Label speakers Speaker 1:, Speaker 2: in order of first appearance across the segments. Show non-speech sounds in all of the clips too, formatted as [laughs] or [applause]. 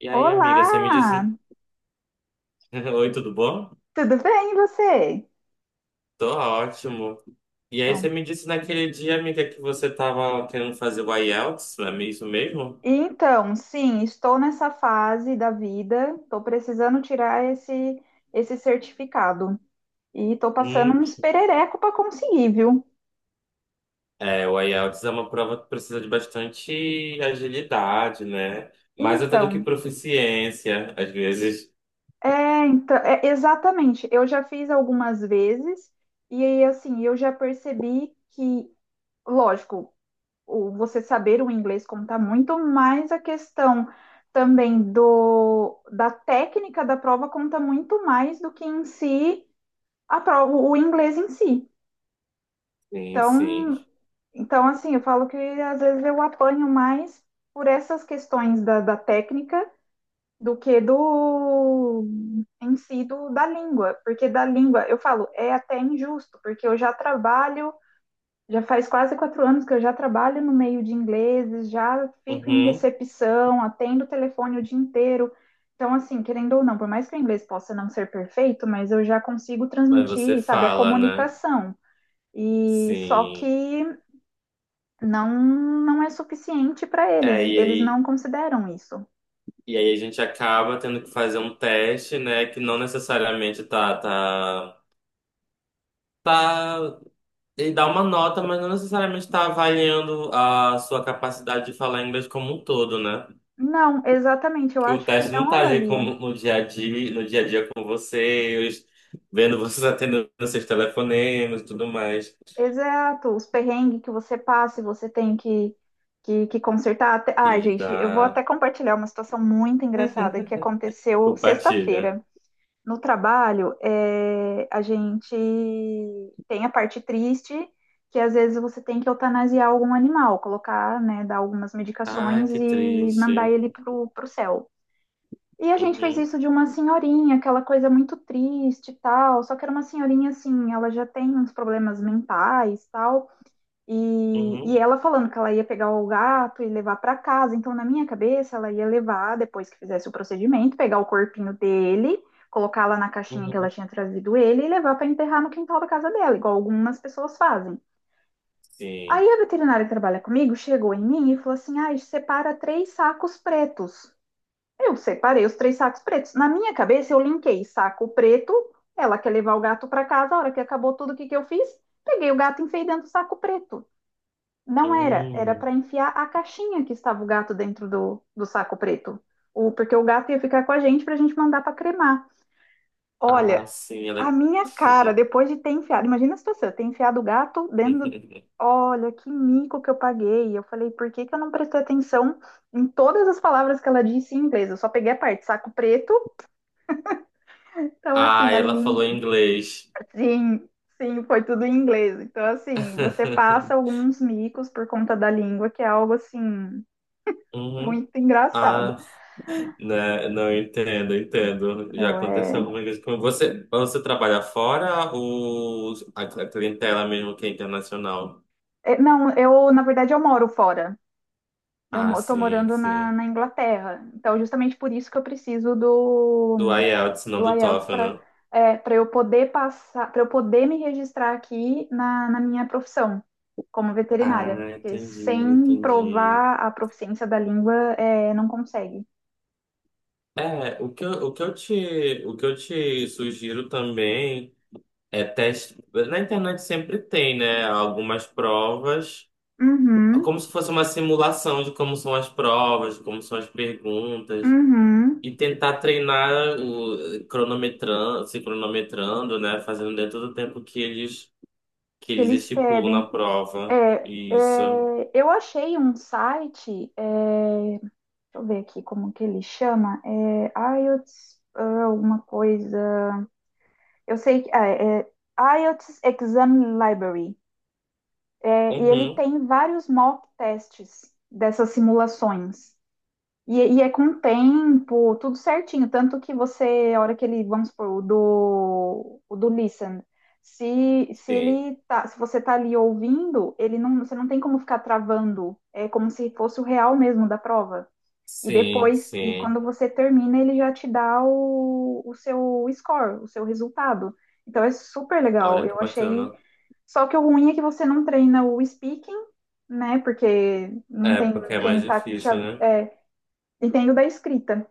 Speaker 1: E aí, amiga, você me disse.
Speaker 2: Olá,
Speaker 1: [laughs] Oi, tudo bom?
Speaker 2: tudo bem e você?
Speaker 1: Tô ótimo. E aí, você
Speaker 2: Então,
Speaker 1: me disse naquele dia, amiga, que você tava querendo fazer o IELTS, não é isso mesmo?
Speaker 2: então, sim, estou nessa fase da vida, estou precisando tirar esse certificado e estou passando
Speaker 1: Hum.
Speaker 2: uns perereco para conseguir, viu?
Speaker 1: É, o IELTS é uma prova que precisa de bastante agilidade, né? Mais até do que
Speaker 2: Então,
Speaker 1: proficiência, às vezes.
Speaker 2: então, exatamente. Eu já fiz algumas vezes e aí, assim, eu já percebi que, lógico, o você saber o inglês conta muito, mas a questão também do da técnica da prova conta muito mais do que em si a prova, o inglês em si.
Speaker 1: Sim, sim.
Speaker 2: Então, então, assim, eu falo que às vezes eu apanho mais por essas questões da técnica do que do em si da língua, porque da língua eu falo é até injusto, porque eu já trabalho Já faz quase 4 anos que eu já trabalho no meio de ingleses, já fico em
Speaker 1: Uhum.
Speaker 2: recepção, atendo o telefone o dia inteiro. Então, assim, querendo ou não, por mais que o inglês possa não ser perfeito, mas eu já consigo
Speaker 1: Mas você
Speaker 2: transmitir, sabe, a
Speaker 1: fala, né?
Speaker 2: comunicação. E só
Speaker 1: Sim.
Speaker 2: que não não é suficiente para eles,
Speaker 1: É,
Speaker 2: e eles não consideram isso.
Speaker 1: e aí a gente acaba tendo que fazer um teste, né? Que não necessariamente tá ele dá uma nota, mas não necessariamente está avaliando a sua capacidade de falar inglês como um todo, né?
Speaker 2: Não, exatamente, eu
Speaker 1: Que o
Speaker 2: acho que
Speaker 1: teste não
Speaker 2: não
Speaker 1: está ali
Speaker 2: avalia.
Speaker 1: como no dia a dia, no dia a dia com vocês, vendo vocês atendendo seus telefonemas e tudo mais.
Speaker 2: Exato, os perrengues que você passa e você tem que consertar. Ai,
Speaker 1: E
Speaker 2: gente, eu vou até
Speaker 1: dá,
Speaker 2: compartilhar uma situação muito engraçada que aconteceu
Speaker 1: compartilha.
Speaker 2: sexta-feira. No trabalho, a gente tem a parte triste, que às vezes você tem que eutanasiar algum animal, colocar, né, dar algumas
Speaker 1: Ai,
Speaker 2: medicações
Speaker 1: que
Speaker 2: e mandar
Speaker 1: triste.
Speaker 2: ele pro céu. E a gente fez
Speaker 1: Uhum,
Speaker 2: isso de uma senhorinha, aquela coisa muito triste e tal, só que era uma senhorinha assim, ela já tem uns problemas mentais e tal e
Speaker 1: uhum,
Speaker 2: ela falando que ela ia pegar o gato e levar para casa. Então, na minha cabeça, ela ia levar, depois que fizesse o procedimento, pegar o corpinho dele, colocar lá na caixinha que
Speaker 1: uhum.
Speaker 2: ela tinha trazido ele e levar para enterrar no quintal da casa dela, igual algumas pessoas fazem. Aí
Speaker 1: Sim.
Speaker 2: a veterinária que trabalha comigo chegou em mim e falou assim: ah, separa três sacos pretos. Eu separei os três sacos pretos. Na minha cabeça, eu linkei saco preto, ela quer levar o gato para casa. A hora que acabou tudo, o que eu fiz? Peguei o gato e enfiei dentro do saco preto. Não era, era
Speaker 1: Hum.
Speaker 2: para enfiar a caixinha que estava o gato dentro do saco preto. Porque o gato ia ficar com a gente para a gente mandar para cremar.
Speaker 1: Ah,
Speaker 2: Olha,
Speaker 1: sim,
Speaker 2: a
Speaker 1: ela.
Speaker 2: minha cara, depois de ter enfiado, imagina a situação, eu ter enfiado o gato dentro do.
Speaker 1: [laughs]
Speaker 2: Olha, que mico que eu paguei. Eu falei, por que que eu não prestei atenção em todas as palavras que ela disse em inglês? Eu só peguei a parte saco preto. Então,
Speaker 1: Ah,
Speaker 2: assim, a
Speaker 1: ela falou
Speaker 2: língua.
Speaker 1: inglês.
Speaker 2: Sim, sim, foi tudo em inglês. Então, assim, você passa
Speaker 1: [laughs]
Speaker 2: alguns micos por conta da língua, que é algo assim
Speaker 1: Uhum.
Speaker 2: muito engraçado.
Speaker 1: Ah. Né? Não, eu entendo, eu entendo. Já
Speaker 2: Não,
Speaker 1: aconteceu algumas vezes com você. Mas você trabalha fora ou a clientela mesmo que é internacional?
Speaker 2: não, eu, na verdade, eu moro fora. Eu
Speaker 1: Ah,
Speaker 2: mo- tô
Speaker 1: sim,
Speaker 2: morando na,
Speaker 1: sim.
Speaker 2: na Inglaterra. Então, justamente por isso que eu preciso do,
Speaker 1: Do IELTS, não
Speaker 2: do
Speaker 1: do
Speaker 2: IELTS
Speaker 1: TOEFL,
Speaker 2: para
Speaker 1: né?
Speaker 2: é, para eu poder passar, para eu poder me registrar aqui na minha profissão como veterinária.
Speaker 1: Ah,
Speaker 2: Porque
Speaker 1: entendi,
Speaker 2: sem
Speaker 1: entendi.
Speaker 2: provar a proficiência da língua, não consegue.
Speaker 1: É, o que eu te sugiro também é teste. Na internet sempre tem, né? Algumas provas,
Speaker 2: Uhum,
Speaker 1: como se fosse uma simulação de como são as provas, como são as perguntas.
Speaker 2: uhum.
Speaker 1: E tentar treinar se cronometrando, né? Fazendo dentro do tempo que
Speaker 2: Que
Speaker 1: eles
Speaker 2: eles
Speaker 1: estipulam na
Speaker 2: pedem.
Speaker 1: prova.
Speaker 2: É,
Speaker 1: Isso.
Speaker 2: é, eu achei um site. Deixa eu ver aqui como que ele chama. É IELTS, ah, alguma coisa. Eu sei que. Ah, é IELTS Exam Library. É, e ele
Speaker 1: Uhum.
Speaker 2: tem vários mock tests dessas simulações. E é com tempo, tudo certinho. Tanto que você, a hora que ele, vamos supor, o do Listen, se
Speaker 1: Sim.
Speaker 2: ele tá, se você tá ali ouvindo, ele não, você não tem como ficar travando. É como se fosse o real mesmo da prova. E
Speaker 1: Sim,
Speaker 2: depois, e
Speaker 1: sim.
Speaker 2: quando você termina, ele já te dá o seu score, o seu resultado. Então é super legal.
Speaker 1: Olha que
Speaker 2: Eu achei.
Speaker 1: bacana.
Speaker 2: Só que o ruim é que você não treina o speaking, né? Porque não
Speaker 1: É,
Speaker 2: tem
Speaker 1: porque é mais
Speaker 2: quem tá te
Speaker 1: difícil, né?
Speaker 2: entendo da escrita.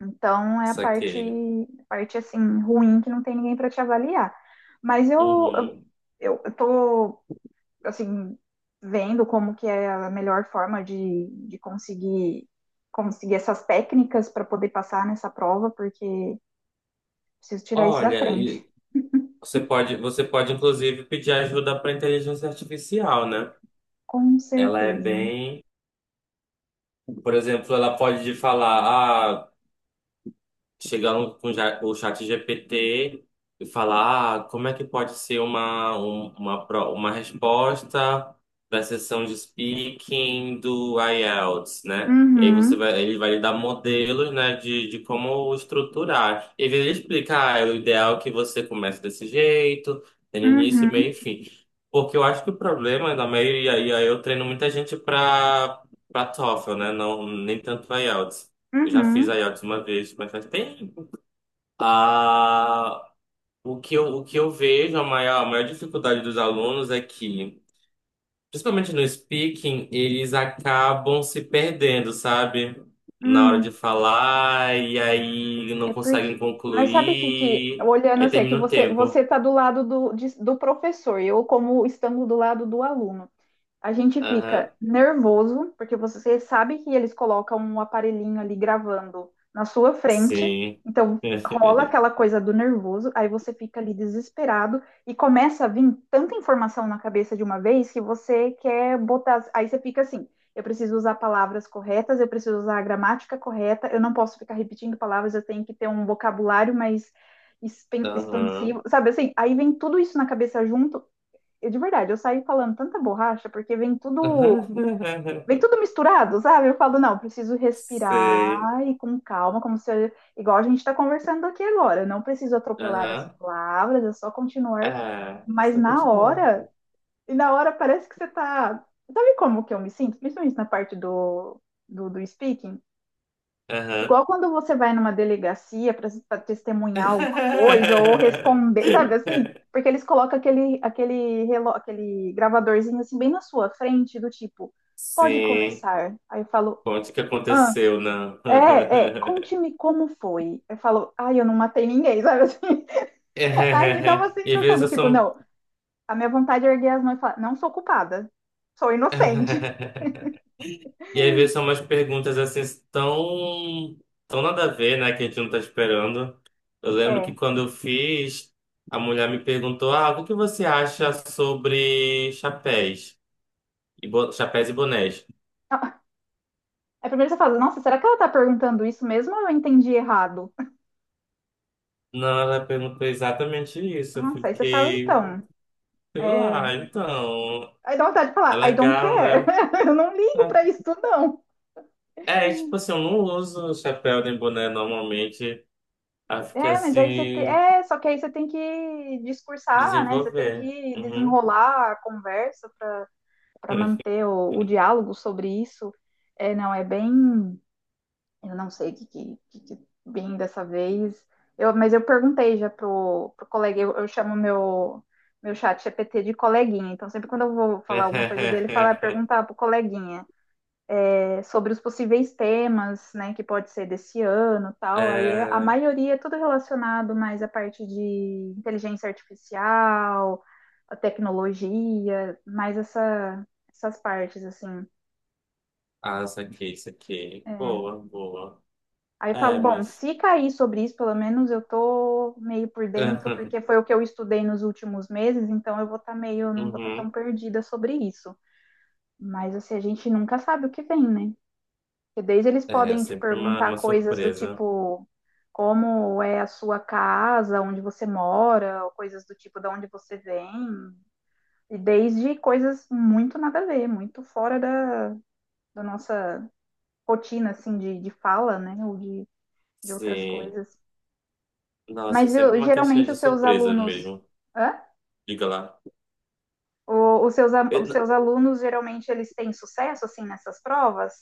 Speaker 2: Então é a parte,
Speaker 1: Saquei.
Speaker 2: parte assim ruim que não tem ninguém para te avaliar. Mas eu,
Speaker 1: Uhum.
Speaker 2: eu, eu tô assim, vendo como que é a melhor forma de conseguir essas técnicas para poder passar nessa prova, porque preciso tirar isso da
Speaker 1: Olha,
Speaker 2: frente.
Speaker 1: e você pode inclusive pedir ajuda para inteligência artificial, né?
Speaker 2: Com
Speaker 1: Ela é
Speaker 2: certeza.
Speaker 1: bem, por exemplo, ela pode te falar, ah, o chat GPT e falar, ah, como é que pode ser uma, um- uma, pro- uma resposta da sessão de speaking do IELTS, né? E aí você
Speaker 2: Uhum,
Speaker 1: vai, ele vai lhe dar modelos, né, de como estruturar. E aí ele explica, ah, é, o ideal é que você comece desse jeito, tem início,
Speaker 2: uhum,
Speaker 1: meio e fim. Porque eu acho que o problema da maioria, e aí eu treino muita gente para TOEFL, né? Não, nem tanto IELTS. Eu já fiz
Speaker 2: uhum,
Speaker 1: IELTS uma vez, mas faz tempo. Ah, o que eu vejo, a maior dificuldade dos alunos é que, principalmente no speaking, eles acabam se perdendo, sabe? Na hora de
Speaker 2: hum.
Speaker 1: falar, e aí não
Speaker 2: É porque.
Speaker 1: conseguem
Speaker 2: Mas sabe que
Speaker 1: concluir,
Speaker 2: olhando
Speaker 1: aí
Speaker 2: assim, é que
Speaker 1: termina o
Speaker 2: você,
Speaker 1: tempo.
Speaker 2: você tá do lado do professor, eu como estando do lado do aluno. A gente fica
Speaker 1: Aham,
Speaker 2: nervoso, porque você sabe que eles colocam um aparelhinho ali gravando na sua frente,
Speaker 1: sim.
Speaker 2: então rola aquela
Speaker 1: [laughs]
Speaker 2: coisa do nervoso, aí você fica ali desesperado e começa a vir tanta informação na cabeça de uma vez que você quer botar. Aí você fica assim: eu preciso usar palavras corretas, eu preciso usar a gramática correta, eu não posso ficar repetindo palavras, eu tenho que ter um vocabulário mais
Speaker 1: Aham.
Speaker 2: expansivo, sabe assim? Aí vem tudo isso na cabeça junto eu, de verdade, eu saí falando tanta borracha porque vem tudo, vem
Speaker 1: [laughs]
Speaker 2: tudo misturado, sabe? Eu falo, não, preciso
Speaker 1: Sei.
Speaker 2: respirar e com calma, como se eu- igual a gente está conversando aqui agora, não preciso atropelar as
Speaker 1: Aham.
Speaker 2: palavras, é só continuar,
Speaker 1: É,
Speaker 2: mas
Speaker 1: só
Speaker 2: na
Speaker 1: continua.
Speaker 2: hora, e na hora parece que você tá, sabe como que eu me sinto? Principalmente na parte do speaking.
Speaker 1: Aham.
Speaker 2: Igual quando você vai numa delegacia para testemunhar alguma coisa ou responder, sabe assim?
Speaker 1: [laughs]
Speaker 2: Porque eles colocam aquele gravadorzinho assim bem na sua frente, do tipo, pode
Speaker 1: Sim,
Speaker 2: começar. Aí eu falo,
Speaker 1: conte o que
Speaker 2: ah,
Speaker 1: aconteceu, não.
Speaker 2: é,
Speaker 1: [laughs]
Speaker 2: conte-me como foi. Eu falo, ai, eu não matei ninguém, sabe assim?
Speaker 1: [laughs]
Speaker 2: [laughs] Aí me dá uma
Speaker 1: E às
Speaker 2: sensação
Speaker 1: vezes
Speaker 2: do
Speaker 1: eu
Speaker 2: tipo,
Speaker 1: sou.
Speaker 2: não, a minha vontade é erguer as mãos e falar, não sou culpada, sou inocente.
Speaker 1: [laughs] E às vezes são umas perguntas assim tão, tão nada a ver, né? Que a gente não tá esperando. Eu lembro que
Speaker 2: É.
Speaker 1: quando eu fiz, a mulher me perguntou: ah, o que você acha sobre chapéus? Chapéus e bonés.
Speaker 2: Ah, aí primeiro você fala, nossa, será que ela tá perguntando isso mesmo ou eu entendi errado?
Speaker 1: Não, ela perguntou exatamente isso. Eu
Speaker 2: Nossa, aí você fala,
Speaker 1: fiquei.
Speaker 2: então,
Speaker 1: Sei
Speaker 2: é...
Speaker 1: lá, então.
Speaker 2: aí dá vontade de
Speaker 1: É
Speaker 2: falar, I don't
Speaker 1: legal,
Speaker 2: care,
Speaker 1: né?
Speaker 2: [laughs] eu não ligo
Speaker 1: É,
Speaker 2: pra isso, não.
Speaker 1: é, tipo assim, eu não uso chapéu nem boné normalmente. Aí fica
Speaker 2: É, mas aí
Speaker 1: assim,
Speaker 2: só que aí você tem que discursar, né? Você tem
Speaker 1: desenvolver.
Speaker 2: que
Speaker 1: Uhum.
Speaker 2: desenrolar a conversa para manter o
Speaker 1: [laughs]
Speaker 2: diálogo sobre isso. É, não, é bem, eu não sei o que, bem dessa vez. Mas eu perguntei já pro colega, eu chamo meu chat GPT de coleguinha. Então sempre quando eu vou falar alguma coisa dele, falar perguntar pro coleguinha. Sobre os possíveis temas, né, que pode ser desse ano, e tal. Aí a
Speaker 1: É...
Speaker 2: maioria é tudo relacionado mais à parte de inteligência artificial, a tecnologia, mais essa, essas partes assim.
Speaker 1: Ah, isso aqui, isso aqui.
Speaker 2: É.
Speaker 1: Boa, boa.
Speaker 2: Aí eu falo,
Speaker 1: É,
Speaker 2: bom,
Speaker 1: mas.
Speaker 2: se cair sobre isso, pelo menos eu tô meio por dentro, porque
Speaker 1: [laughs]
Speaker 2: foi o que eu estudei nos últimos meses, então eu vou estar tá meio, não vou estar tá tão
Speaker 1: Uhum.
Speaker 2: perdida sobre isso. Mas assim, a gente nunca sabe o que vem, né? Porque desde eles
Speaker 1: É,
Speaker 2: podem te
Speaker 1: sempre
Speaker 2: perguntar
Speaker 1: uma
Speaker 2: coisas do
Speaker 1: surpresa.
Speaker 2: tipo como é a sua casa, onde você mora, ou coisas do tipo de onde você vem, e desde coisas muito nada a ver, muito fora da nossa rotina assim de fala, né? Ou de outras
Speaker 1: Sim.
Speaker 2: coisas.
Speaker 1: Nossa, é
Speaker 2: Mas
Speaker 1: sempre
Speaker 2: eu-
Speaker 1: uma caixinha
Speaker 2: geralmente
Speaker 1: de
Speaker 2: os seus
Speaker 1: surpresa
Speaker 2: alunos.
Speaker 1: mesmo.
Speaker 2: Hã?
Speaker 1: Diga lá.
Speaker 2: O- os, seus, a-
Speaker 1: Eu
Speaker 2: os
Speaker 1: não...
Speaker 2: seus alunos geralmente eles têm sucesso assim nessas provas?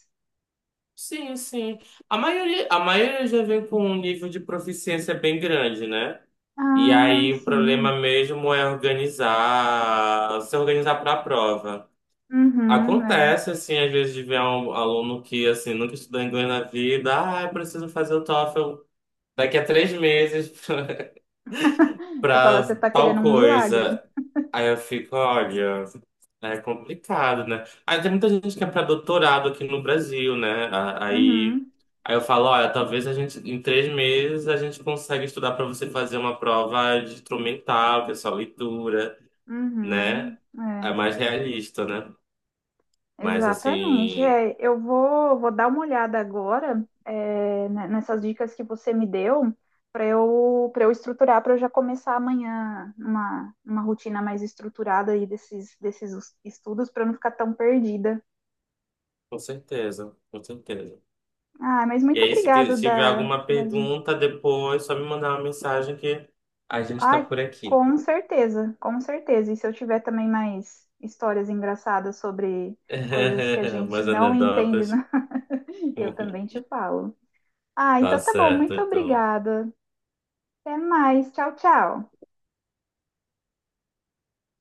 Speaker 1: Sim, sim. A maioria já vem com um nível de proficiência bem grande, né? E
Speaker 2: Ah,
Speaker 1: aí o problema
Speaker 2: sim.
Speaker 1: mesmo é se organizar para a prova.
Speaker 2: Uhum, é.
Speaker 1: Acontece, assim, às vezes de ver um aluno que, assim, nunca estudou inglês na vida, ah, eu preciso fazer o TOEFL daqui a 3 meses. [laughs]
Speaker 2: Você fala, você
Speaker 1: Pra
Speaker 2: está querendo
Speaker 1: tal
Speaker 2: um milagre.
Speaker 1: coisa. Aí eu fico, olha, é complicado, né? Aí tem muita gente que é pra doutorado aqui no Brasil, né? Aí,
Speaker 2: Uhum,
Speaker 1: eu falo, olha, talvez a gente, em 3 meses, a gente consegue estudar pra você fazer uma prova de instrumental, que é só leitura, né?
Speaker 2: uhum,
Speaker 1: É mais realista, né?
Speaker 2: é,
Speaker 1: Mas
Speaker 2: exatamente.
Speaker 1: assim,
Speaker 2: É, eu vou dar uma olhada agora, nessas dicas que você me deu para eu estruturar, para eu já começar amanhã uma rotina mais estruturada aí desses estudos para não ficar tão perdida.
Speaker 1: com certeza, com certeza.
Speaker 2: Ah, mas
Speaker 1: E
Speaker 2: muito
Speaker 1: aí,
Speaker 2: obrigado
Speaker 1: se tiver
Speaker 2: da,
Speaker 1: alguma
Speaker 2: da di-
Speaker 1: pergunta depois, só me mandar uma mensagem que a gente tá
Speaker 2: Ai,
Speaker 1: por aqui.
Speaker 2: com certeza, com certeza. E se eu tiver também mais histórias engraçadas sobre coisas que a
Speaker 1: [laughs]
Speaker 2: gente
Speaker 1: Umas
Speaker 2: não entende,
Speaker 1: anedotas.
Speaker 2: né? [laughs] Eu também
Speaker 1: [laughs]
Speaker 2: te falo. Ah,
Speaker 1: Tá
Speaker 2: então tá bom.
Speaker 1: certo,
Speaker 2: Muito
Speaker 1: então.
Speaker 2: obrigada. Até mais. Tchau, tchau.